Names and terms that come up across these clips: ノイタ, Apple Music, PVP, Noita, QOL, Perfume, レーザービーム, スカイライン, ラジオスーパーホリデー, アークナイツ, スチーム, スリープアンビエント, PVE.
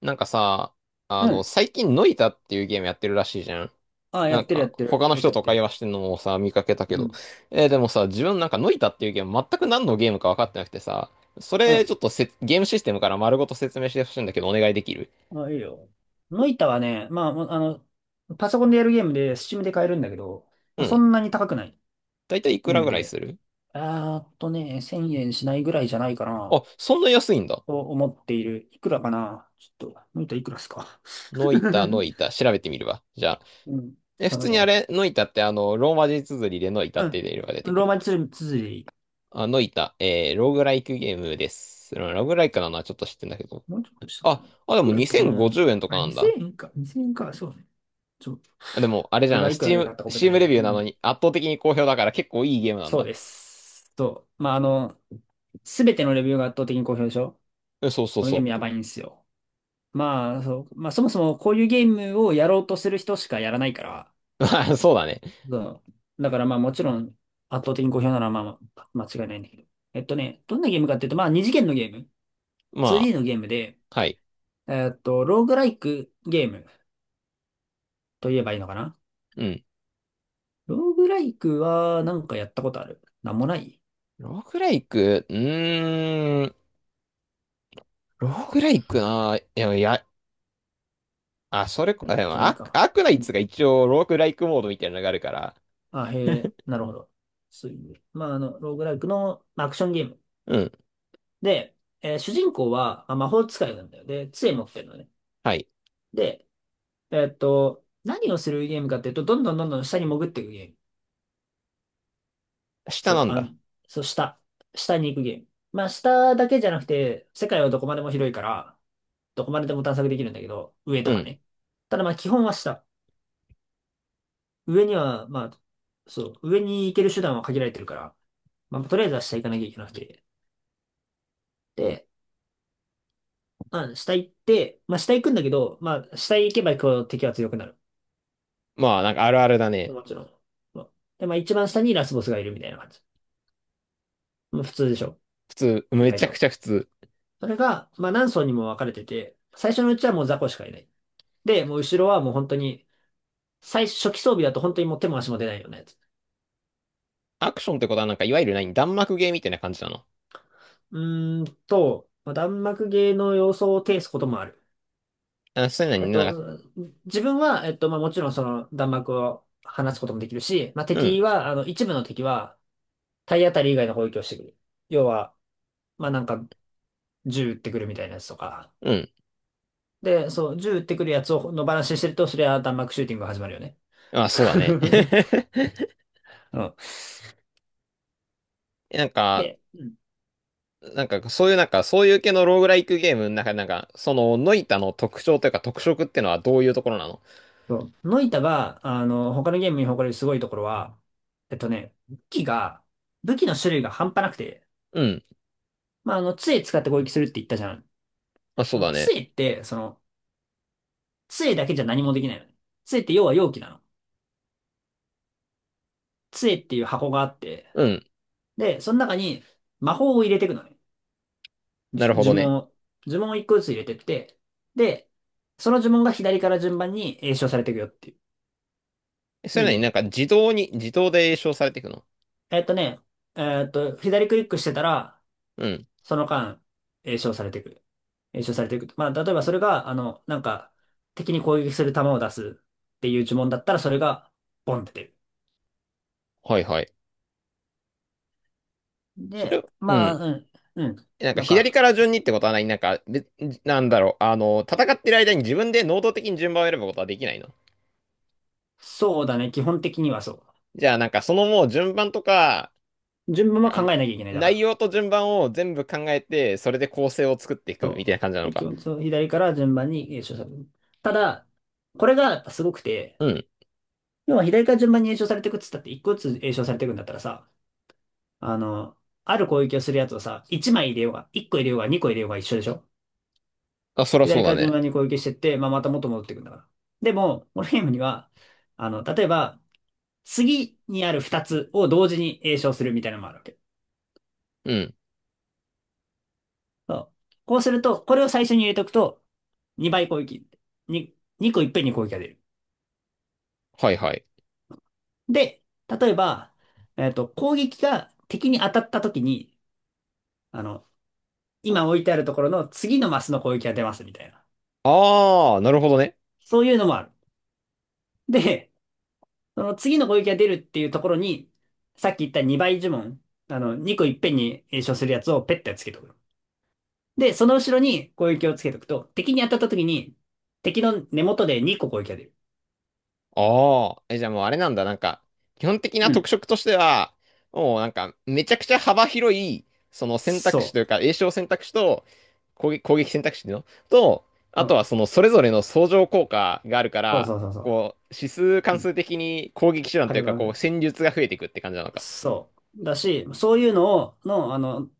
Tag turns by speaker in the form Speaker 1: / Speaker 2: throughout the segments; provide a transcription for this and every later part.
Speaker 1: なんかさ、
Speaker 2: うん。
Speaker 1: 最近ノイタっていうゲームやってるらしいじゃん。
Speaker 2: ああ、や
Speaker 1: なん
Speaker 2: ってるや
Speaker 1: か、
Speaker 2: ってる。
Speaker 1: 他の
Speaker 2: よ
Speaker 1: 人
Speaker 2: くやっ
Speaker 1: と
Speaker 2: て
Speaker 1: 会
Speaker 2: る。
Speaker 1: 話してんのもさ、見かけたけ
Speaker 2: う
Speaker 1: ど。
Speaker 2: ん。
Speaker 1: でもさ、自分なんかノイタっていうゲーム全く何のゲームか分かってなくてさ、そ
Speaker 2: う
Speaker 1: れ
Speaker 2: ん。
Speaker 1: ちょっとゲームシステムから丸ごと説明してほしいんだけど、お願いできる？
Speaker 2: ああ、いいよ。ノイタはね、まあ、もうあの、パソコンでやるゲームで、スチームで買えるんだけど、
Speaker 1: う
Speaker 2: まあ、そ
Speaker 1: ん。
Speaker 2: んなに高くない
Speaker 1: だいたいいく
Speaker 2: ゲー
Speaker 1: ら
Speaker 2: ム
Speaker 1: ぐらい
Speaker 2: で、
Speaker 1: する？
Speaker 2: あーっとね、1000円しないぐらいじゃないか
Speaker 1: あ、
Speaker 2: な、
Speaker 1: そんな安いんだ。
Speaker 2: と思っている。いくらかなちょっと、ノイタいくらっすか
Speaker 1: ノイ タ、ノイタ、調べてみるわ。じゃあ。
Speaker 2: うん。
Speaker 1: え、普
Speaker 2: 頼
Speaker 1: 通
Speaker 2: む
Speaker 1: にあ
Speaker 2: わ。
Speaker 1: れ、ノイタってローマ字綴りでノイタ
Speaker 2: う
Speaker 1: って入れれば出て
Speaker 2: ん。
Speaker 1: く
Speaker 2: ロー
Speaker 1: る？
Speaker 2: マ字つづりでいい。
Speaker 1: あ、ノイタ、ローグライクゲームです。ローグライクなのはちょっと知ってんだけど。
Speaker 2: もうちょっとしたかな。
Speaker 1: あ、
Speaker 2: い
Speaker 1: あ、で
Speaker 2: く
Speaker 1: も
Speaker 2: らやったかな、
Speaker 1: 2050円と
Speaker 2: ま
Speaker 1: か
Speaker 2: あ、
Speaker 1: なんだ。
Speaker 2: 2000円か。2000円か。そうね。ちょ、
Speaker 1: あでも、あれ
Speaker 2: こ
Speaker 1: じ
Speaker 2: れ
Speaker 1: ゃ
Speaker 2: が
Speaker 1: ん、
Speaker 2: いくらで買ったか
Speaker 1: ス
Speaker 2: 覚えて
Speaker 1: チー
Speaker 2: ない
Speaker 1: ム
Speaker 2: け
Speaker 1: レ
Speaker 2: ど。
Speaker 1: ビ
Speaker 2: う
Speaker 1: ューなの
Speaker 2: ん。
Speaker 1: に圧倒的に好評だから結構いいゲームなん
Speaker 2: そう
Speaker 1: だ。
Speaker 2: です。と、まあ、あの、すべてのレビューが圧倒的に好評でしょ？
Speaker 1: うんそうそう
Speaker 2: このゲー
Speaker 1: そ
Speaker 2: ムやばいんですよ。まあ、そもそもこういうゲームをやろうとする人しかやらないから、
Speaker 1: う。そうだね。
Speaker 2: そう。だからまあ、もちろん圧倒的に好評なのはまあ、間違いないんだけど。えっとね、どんなゲームかっていうと、まあ、二次元のゲーム、
Speaker 1: ま
Speaker 2: 2D のゲームで、
Speaker 1: あ、はい。
Speaker 2: えっと、ローグライクゲームと言えばいいのかな。
Speaker 1: うん。
Speaker 2: ローグライクはなんかやったことあるなんもない？
Speaker 1: ローグライク、ローグライクな、いや、いや、あ、それこ、あでも
Speaker 2: じゃないか。
Speaker 1: アークナイツが一応ローグライクモードみたいなのがあるから、
Speaker 2: あ、へえ、なるほど。そういう。まあ、あの、ローグライクのまあアクションゲーム。
Speaker 1: うん、
Speaker 2: で、えー主人公は、まあ、魔法使いなんだよ。で、杖持ってるのね。
Speaker 1: はい。
Speaker 2: で、えーっと、何をするゲームかっていうと、どんどんどんどん下に潜っていくゲーム。
Speaker 1: 下
Speaker 2: そ
Speaker 1: な
Speaker 2: う、
Speaker 1: ん
Speaker 2: あ、
Speaker 1: だ。
Speaker 2: そう、下。下に行くゲーム。まあ、下だけじゃなくて、世界はどこまでも広いから、どこまででも探索できるんだけど、上
Speaker 1: う
Speaker 2: とか
Speaker 1: ん。
Speaker 2: ね。ただまあ、基本は下。上には、まあ、そう、上に行ける手段は限られてるから、まあ、とりあえずは下行かなきゃいけなくて。で、下行って、まあ下行くんだけど、まあ下行けばこう敵は強くなる。
Speaker 1: まあ、なんかあるあるだね。
Speaker 2: もちろん。まあで、まあ一番下にラスボスがいるみたいな感じ。まあ普通でしょ。
Speaker 1: 普通、
Speaker 2: 意
Speaker 1: め
Speaker 2: 外
Speaker 1: ちゃく
Speaker 2: と。
Speaker 1: ちゃ普通。
Speaker 2: それが、まあ何層にも分かれてて、最初のうちはもう雑魚しかいない。で、もう後ろはもう本当に、最初期装備だと本当にもう手も足も出ないようなやつ。
Speaker 1: アクションってことはなんか、いわゆる何、弾幕ゲーみたいな感じなの？
Speaker 2: うーんと、まあ、弾幕芸の様相を呈すこともある。
Speaker 1: あ、そういうの
Speaker 2: え
Speaker 1: に
Speaker 2: っ
Speaker 1: ねな
Speaker 2: と、
Speaker 1: んか、
Speaker 2: 自分は、えっと、まあもちろんその弾幕を放つこともできるし、まあ
Speaker 1: うん。
Speaker 2: 敵は、あの一部の敵は、体当たり以外の攻撃をしてくる。要は、まあなんか、銃撃ってくるみたいなやつとか。
Speaker 1: うん
Speaker 2: で、そう、銃撃ってくるやつを野放しにしてると、それは弾幕シューティングが始まるよね。
Speaker 1: あ、そうだね。
Speaker 2: うん。
Speaker 1: なんか、
Speaker 2: で、うん。
Speaker 1: なんか、そういう、なんか、そういう系のローグライクゲームの中で、なんか、その、ノイタの特徴というか、特色ってのはどういうところなの？
Speaker 2: そう、ノイタが、あの、他のゲームに誇れるすごいところは、えっとね、武器の種類が半端なくて、
Speaker 1: うん。
Speaker 2: まあ、あの、杖使って攻撃するって言ったじゃん。
Speaker 1: まあ、そ
Speaker 2: あ
Speaker 1: う
Speaker 2: の
Speaker 1: だね。
Speaker 2: 杖って、その、杖だけじゃ何もできないのね。杖って要は容器なの。杖っていう箱があって、
Speaker 1: うん。
Speaker 2: で、その中に魔法を入れていくのね。
Speaker 1: なるほど
Speaker 2: 呪
Speaker 1: ね。
Speaker 2: 文を、呪文を一個ずつ入れてって、で、その呪文が左から順番に詠唱されていくよっていう、
Speaker 1: そ
Speaker 2: いう
Speaker 1: れなり
Speaker 2: ゲ
Speaker 1: に
Speaker 2: ー
Speaker 1: なん
Speaker 2: ム。
Speaker 1: か、自動で詠唱されていくの？
Speaker 2: えっとね、えっと、左クリックしてたら、
Speaker 1: うん。
Speaker 2: その間、詠唱されていく。詠唱されていく。まあ、例えばそれが、あの、なんか、敵に攻撃する弾を出すっていう呪文だったら、それが、ボンって出る。
Speaker 1: はいはい。それ
Speaker 2: で、
Speaker 1: を、う
Speaker 2: まあ、
Speaker 1: ん。
Speaker 2: うん、うん。
Speaker 1: なんか、
Speaker 2: なん
Speaker 1: 左か
Speaker 2: か、
Speaker 1: ら順にってことはない。なんか、なんだろう。戦ってる間に自分で能動的に順番を選ぶことはできないの？
Speaker 2: そうだね。基本的にはそ
Speaker 1: じゃあ、なんか、そのもう順番とか、
Speaker 2: う。順番は
Speaker 1: あ
Speaker 2: 考
Speaker 1: の、
Speaker 2: えなきゃいけない。だか
Speaker 1: 内
Speaker 2: ら。
Speaker 1: 容と順番を全部考えて、それで構成を作っていくみたい
Speaker 2: そ
Speaker 1: な感じな
Speaker 2: う。
Speaker 1: の
Speaker 2: で基
Speaker 1: か。
Speaker 2: 本、その左から順番に詠唱される。ただ、これがやっぱすごくて、
Speaker 1: うん。
Speaker 2: 要は左から順番に詠唱されていくっつったって、一個ずつ詠唱されていくんだったらさ、あの、ある攻撃をするやつをさ、一枚入れようが、一個入れようが、二個入れようが一緒でしょ？
Speaker 1: あ、そらそう
Speaker 2: 左か
Speaker 1: だ
Speaker 2: ら順
Speaker 1: ね。
Speaker 2: 番に攻撃してって、まあ、また元戻っていくんだから。でも、このゲームには、あの、例えば、次にある二つを同時に詠唱するみたいなのもあるわけ。
Speaker 1: うん。
Speaker 2: そう。こうすると、これを最初に入れておくと、2倍攻撃。に2個いっぺんに攻撃が出る。
Speaker 1: はいはい。
Speaker 2: で、例えば、えっと、攻撃が敵に当たった時に、あの、今置いてあるところの次のマスの攻撃が出ますみたいな。
Speaker 1: ああ、なるほどね。
Speaker 2: そういうのもある。で、その次の攻撃が出るっていうところに、さっき言った2倍呪文、あの、2個いっぺんに詠唱するやつをペッてつけとく。で、その後ろに攻撃をつけとくと、敵に当たった時に、敵の根元で2個攻撃が出る。
Speaker 1: ああ。え、じゃあもうあれなんだ。なんか、基本的な
Speaker 2: うん。
Speaker 1: 特色としては、もうなんか、めちゃくちゃ幅広い、その選択肢
Speaker 2: そ
Speaker 1: というか、詠唱選択肢と、攻撃選択肢っていうのと、
Speaker 2: う。
Speaker 1: あ
Speaker 2: う
Speaker 1: とは
Speaker 2: ん。
Speaker 1: そのそれぞれの相乗効果があるか
Speaker 2: そう
Speaker 1: ら、
Speaker 2: そうそうそ
Speaker 1: こう、指数
Speaker 2: う。う
Speaker 1: 関数
Speaker 2: ん。
Speaker 1: 的に攻撃手段
Speaker 2: 火
Speaker 1: という
Speaker 2: 力
Speaker 1: か、
Speaker 2: が上が
Speaker 1: こう、
Speaker 2: る。
Speaker 1: 戦術が増えていくって感じなのか？
Speaker 2: そう。だし、そういうのを、の、あの、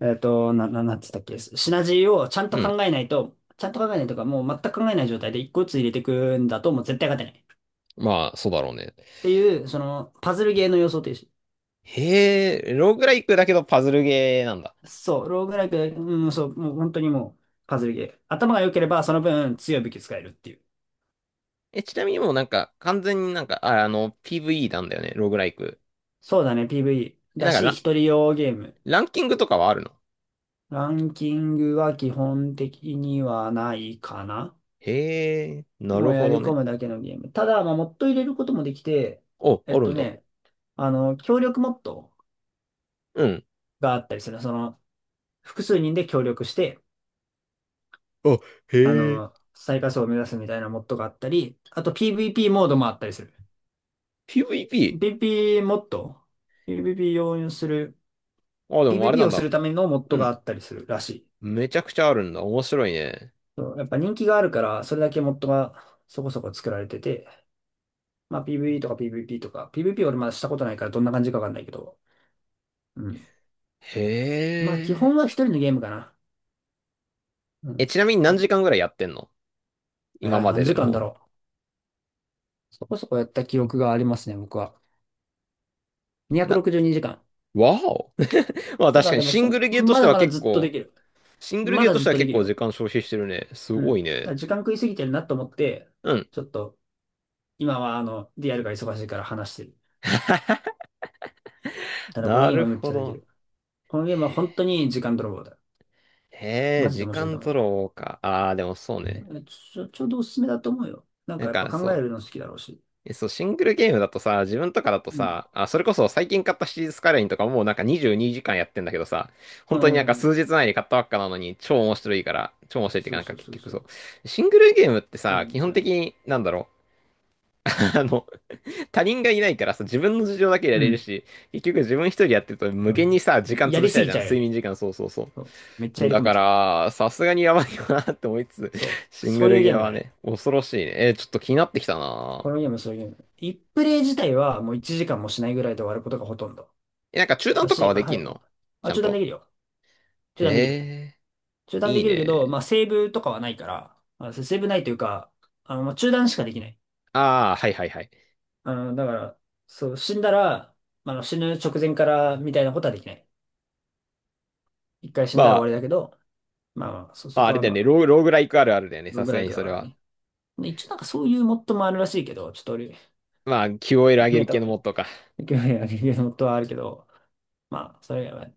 Speaker 2: えっと、な、な、なんつったっけ、シナジーを
Speaker 1: うん。
Speaker 2: ちゃんと考えないとか、もう全く考えない状態で一個ずつ入れていくんだと、もう絶対勝てない。っ
Speaker 1: まあ、そうだろうね。
Speaker 2: ていう、その、パズルゲーの要素というし、
Speaker 1: へえ、ローグライクだけどパズルゲーなんだ。
Speaker 2: そう、ローグライク、うん、そう、もう本当にもう、パズルゲー。頭が良ければ、その分強い武器使えるっていう。
Speaker 1: え、ちなみにもうなんか、完全になんか、あ、PVE なんだよね、ローグライク。
Speaker 2: そうだね、PVE。
Speaker 1: え、
Speaker 2: だ
Speaker 1: なんか
Speaker 2: し、一人用ゲーム。
Speaker 1: ランキングとかはあるの？
Speaker 2: ランキングは基本的にはないかな。
Speaker 1: へえ、な
Speaker 2: も
Speaker 1: る
Speaker 2: う
Speaker 1: ほ
Speaker 2: やり
Speaker 1: ど
Speaker 2: 込
Speaker 1: ね。
Speaker 2: むだけのゲーム。ただ、まあ、モッド入れることもできて、
Speaker 1: お、
Speaker 2: え
Speaker 1: あ
Speaker 2: っ
Speaker 1: るん
Speaker 2: と
Speaker 1: だ。
Speaker 2: ね、あの、協力モッド
Speaker 1: うん。
Speaker 2: があったりする。その、複数人で協力して、
Speaker 1: あ、へ
Speaker 2: あ
Speaker 1: え。
Speaker 2: の、最下層を目指すみたいなモッドがあったり、あと PVP モードもあったりする。
Speaker 1: PVP？
Speaker 2: PVP モッド？ ?PVP 用意する、
Speaker 1: あ、でもあれな
Speaker 2: PVP
Speaker 1: ん
Speaker 2: をす
Speaker 1: だ。
Speaker 2: るためのモッ
Speaker 1: う
Speaker 2: ドがあ
Speaker 1: ん。
Speaker 2: ったりするらしい。
Speaker 1: めちゃくちゃあるんだ。面白いね。
Speaker 2: そうやっぱ人気があるから、それだけモッドがそこそこ作られてて、まあ PVE とか PVP とか、PVP 俺まだしたことないからどんな感じかわかんないけど、うん。
Speaker 1: へ
Speaker 2: まあ基
Speaker 1: え。
Speaker 2: 本は一人のゲームかな。う
Speaker 1: え、
Speaker 2: ん。
Speaker 1: ちなみに何
Speaker 2: だ
Speaker 1: 時間ぐらいやってんの？
Speaker 2: え
Speaker 1: 今
Speaker 2: ー、
Speaker 1: ま
Speaker 2: 何
Speaker 1: でで
Speaker 2: 時間だ
Speaker 1: も。
Speaker 2: ろう。そこそこやった記憶がありますね、僕は。
Speaker 1: な、
Speaker 2: 262時間。
Speaker 1: わお。まあ
Speaker 2: た
Speaker 1: 確
Speaker 2: だ
Speaker 1: かに
Speaker 2: でもそ、まだまだずっとできる。
Speaker 1: シングル
Speaker 2: ま
Speaker 1: ゲー
Speaker 2: だ
Speaker 1: とし
Speaker 2: ずっ
Speaker 1: ては
Speaker 2: とで
Speaker 1: 結
Speaker 2: きる
Speaker 1: 構
Speaker 2: よ。
Speaker 1: 時間消費してるね。す
Speaker 2: う
Speaker 1: ご
Speaker 2: ん。
Speaker 1: い
Speaker 2: た
Speaker 1: ね。
Speaker 2: だ時間食いすぎてるなと思って、
Speaker 1: うん。
Speaker 2: ちょっと、今はあの、リアルが忙しいから話してる。ただこの
Speaker 1: な
Speaker 2: ゲーム
Speaker 1: る
Speaker 2: はむっ
Speaker 1: ほ
Speaker 2: ちゃでき
Speaker 1: ど。
Speaker 2: る。このゲームは本当に時間泥棒だ。
Speaker 1: へえ、
Speaker 2: マジで
Speaker 1: 時
Speaker 2: 面白いと
Speaker 1: 間
Speaker 2: 思
Speaker 1: 取
Speaker 2: う。
Speaker 1: ろうか。ああ、でもそうね。
Speaker 2: えちょ、ちょうどおすすめだと思うよ。なん
Speaker 1: な
Speaker 2: か
Speaker 1: ん
Speaker 2: やっぱ
Speaker 1: か、そ
Speaker 2: 考え
Speaker 1: う。
Speaker 2: るの好きだろうし。
Speaker 1: そう、シングルゲームだとさ、自分とかだと
Speaker 2: うん。
Speaker 1: さ、あ、それこそ最近買ったシリーズスカイラインとかもうなんか22時間やってんだけどさ、
Speaker 2: う
Speaker 1: 本当になんか
Speaker 2: ん。
Speaker 1: 数日前に買ったばっかなのに超面白いから、超面白いっていうか
Speaker 2: そ
Speaker 1: な
Speaker 2: う
Speaker 1: んか
Speaker 2: そう
Speaker 1: 結
Speaker 2: そう
Speaker 1: 局
Speaker 2: そ
Speaker 1: そ
Speaker 2: う。
Speaker 1: う。シングルゲームって
Speaker 2: あれ
Speaker 1: さ、
Speaker 2: なん
Speaker 1: 基
Speaker 2: です
Speaker 1: 本
Speaker 2: よ
Speaker 1: 的
Speaker 2: ね。
Speaker 1: になんだろう。あの、他人がいないからさ、自分の事情だけや
Speaker 2: う
Speaker 1: れる
Speaker 2: ん。
Speaker 1: し、結局自分一人やってると無限にさ、時間
Speaker 2: や
Speaker 1: 潰
Speaker 2: り
Speaker 1: し
Speaker 2: す
Speaker 1: たい
Speaker 2: ぎ
Speaker 1: じゃ
Speaker 2: ち
Speaker 1: ん。
Speaker 2: ゃうよ
Speaker 1: 睡
Speaker 2: ね。
Speaker 1: 眠時間、そうそうそ
Speaker 2: そう。めっちゃ
Speaker 1: う。
Speaker 2: 入り
Speaker 1: だ
Speaker 2: 込め
Speaker 1: か
Speaker 2: ちゃう。
Speaker 1: ら、さすがにやばいよなって思いつつ、
Speaker 2: そう。
Speaker 1: シング
Speaker 2: そう
Speaker 1: ル
Speaker 2: いう
Speaker 1: ゲ
Speaker 2: ゲ
Speaker 1: ー
Speaker 2: ーム
Speaker 1: は
Speaker 2: だね。
Speaker 1: ね、恐ろしいね。ちょっと気になってきたな。
Speaker 2: このゲーム、そういうゲーム。1プレイ自体はもう1時間もしないぐらいで終わることがほとんど。
Speaker 1: え、なんか中断
Speaker 2: だ
Speaker 1: とか
Speaker 2: し、
Speaker 1: は
Speaker 2: ま
Speaker 1: で
Speaker 2: あ
Speaker 1: き
Speaker 2: 早
Speaker 1: ん
Speaker 2: く、
Speaker 1: の？ち
Speaker 2: あ、
Speaker 1: ゃん
Speaker 2: 中断で
Speaker 1: と？
Speaker 2: きるよ。中断できる。
Speaker 1: へえ、
Speaker 2: 中断
Speaker 1: い
Speaker 2: で
Speaker 1: い
Speaker 2: きるけど、
Speaker 1: ね。
Speaker 2: まあセーブとかはないから、セーブないというか、あの、まあ中断しかできない。
Speaker 1: ああ、はいはいはい。
Speaker 2: あの、だから、そう、死んだら、まああの死ぬ直前からみたいなことはできない。一回死
Speaker 1: ま
Speaker 2: んだら終
Speaker 1: あ、
Speaker 2: わりだけど、まあ、
Speaker 1: ま
Speaker 2: そ
Speaker 1: ああ
Speaker 2: こ
Speaker 1: れ
Speaker 2: は
Speaker 1: だ
Speaker 2: ま
Speaker 1: よね、
Speaker 2: あ、
Speaker 1: ローグライクあるあるだよね、
Speaker 2: ロ
Speaker 1: さ
Speaker 2: グ
Speaker 1: す
Speaker 2: ラ
Speaker 1: が
Speaker 2: イ
Speaker 1: に
Speaker 2: クだ
Speaker 1: そ
Speaker 2: か
Speaker 1: れ
Speaker 2: ら
Speaker 1: は。
Speaker 2: ね。で一応なんかそういうモッドもあるらしいけど、ちょっと俺、
Speaker 1: まあ、QOL 上げ
Speaker 2: 見え
Speaker 1: る
Speaker 2: た
Speaker 1: 系
Speaker 2: こ
Speaker 1: の
Speaker 2: とな
Speaker 1: モ
Speaker 2: い。
Speaker 1: ッドか。
Speaker 2: 興味あるモッドはあるけど、まあ、それは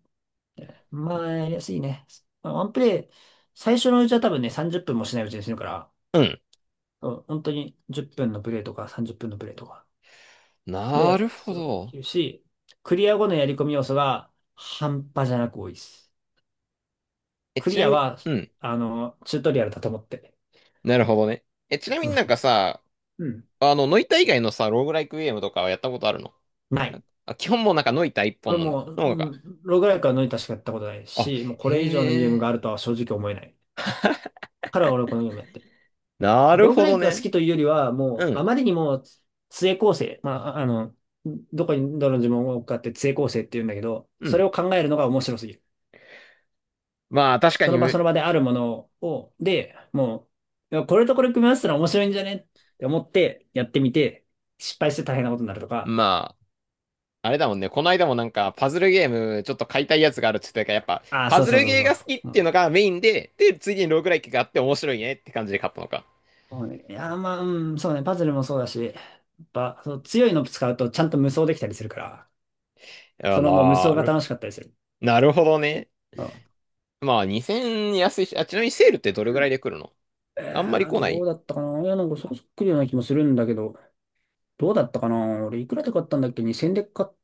Speaker 2: まあ、やりやすいね。まあワンプレイ、最初のうちは多分ね、30分もしないうちに死ぬから、
Speaker 1: うん。
Speaker 2: そう本当に10分のプレイとか30分のプレイとか。
Speaker 1: な
Speaker 2: で、
Speaker 1: るほ
Speaker 2: そう
Speaker 1: ど。
Speaker 2: いうし、クリア後のやり込み要素が半端じゃなく多いです。
Speaker 1: え、
Speaker 2: ク
Speaker 1: ち
Speaker 2: リ
Speaker 1: な
Speaker 2: ア
Speaker 1: みに、
Speaker 2: は、
Speaker 1: うん。
Speaker 2: あの、チュートリアルだと思って。
Speaker 1: なるほどね。え、ちなみ
Speaker 2: う
Speaker 1: に
Speaker 2: ん。
Speaker 1: なんかさ、
Speaker 2: うん。
Speaker 1: ノイタ以外のさ、ローグライクゲームとかはやったことあるの？
Speaker 2: な
Speaker 1: な
Speaker 2: い。
Speaker 1: んかあ、基本もうなんかノイタ一
Speaker 2: 俺
Speaker 1: 本なんだ。
Speaker 2: もう、
Speaker 1: の方
Speaker 2: う
Speaker 1: が。
Speaker 2: ん、ローグライクは乗りタしかやったことない
Speaker 1: あ、
Speaker 2: し、もうこ
Speaker 1: へ
Speaker 2: れ以上のゲーム
Speaker 1: え。
Speaker 2: があるとは正直思えない。から俺はこのゲームやってる。
Speaker 1: なる
Speaker 2: ローグ
Speaker 1: ほ
Speaker 2: ラ
Speaker 1: ど
Speaker 2: イクが好
Speaker 1: ね。
Speaker 2: きというよりは、も
Speaker 1: う
Speaker 2: う、あ
Speaker 1: ん、
Speaker 2: まりにも、杖構成。まあ、ああの、どこにどの呪文を置くかって杖構成って言うんだけど、
Speaker 1: う
Speaker 2: それ
Speaker 1: ん。
Speaker 2: を考えるのが面白すぎる。
Speaker 1: まあ、確か
Speaker 2: そ
Speaker 1: に、
Speaker 2: の場その場であるものを、で、もう、いやこれとこれ組み合わせたら面白いんじゃねって思ってやってみて、失敗して大変なことになるとか、
Speaker 1: まあ、あれだもんね。この間もなんか、パズルゲーム、ちょっと買いたいやつがあるって言ってたから、やっぱ、
Speaker 2: ああ、
Speaker 1: パ
Speaker 2: そう
Speaker 1: ズ
Speaker 2: そう
Speaker 1: ル
Speaker 2: そう
Speaker 1: ゲー
Speaker 2: そ
Speaker 1: が好きっ
Speaker 2: う。う
Speaker 1: て
Speaker 2: ん。
Speaker 1: いうのがメインで、で、次にローグライクがあって面白いねって感じで買ったのか。
Speaker 2: そうね、パズルもそうだし、やっぱ、そう強いの使うとちゃんと無双できたりするから、
Speaker 1: いや、
Speaker 2: そのもう無双が楽しかったりする。
Speaker 1: なるほどね。
Speaker 2: うん。
Speaker 1: まあ、2000円安いし、あ、ちなみにセールってどれぐらいで来るの？
Speaker 2: え
Speaker 1: あんまり
Speaker 2: ー、
Speaker 1: 来な
Speaker 2: どう
Speaker 1: い？
Speaker 2: だったかな。いや、なんかそうそっくりような気もするんだけど、どうだったかな俺、いくらで買ったんだっけ？ 2000 で買っ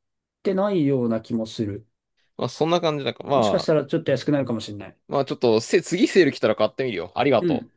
Speaker 2: てないような気もする。
Speaker 1: まあ、そんな感じだから。
Speaker 2: もしかし
Speaker 1: ま
Speaker 2: たらちょっと安くなるかもしれない。
Speaker 1: まあちょっと、次セール来たら買ってみるよ。ありが
Speaker 2: う
Speaker 1: と
Speaker 2: ん。
Speaker 1: う。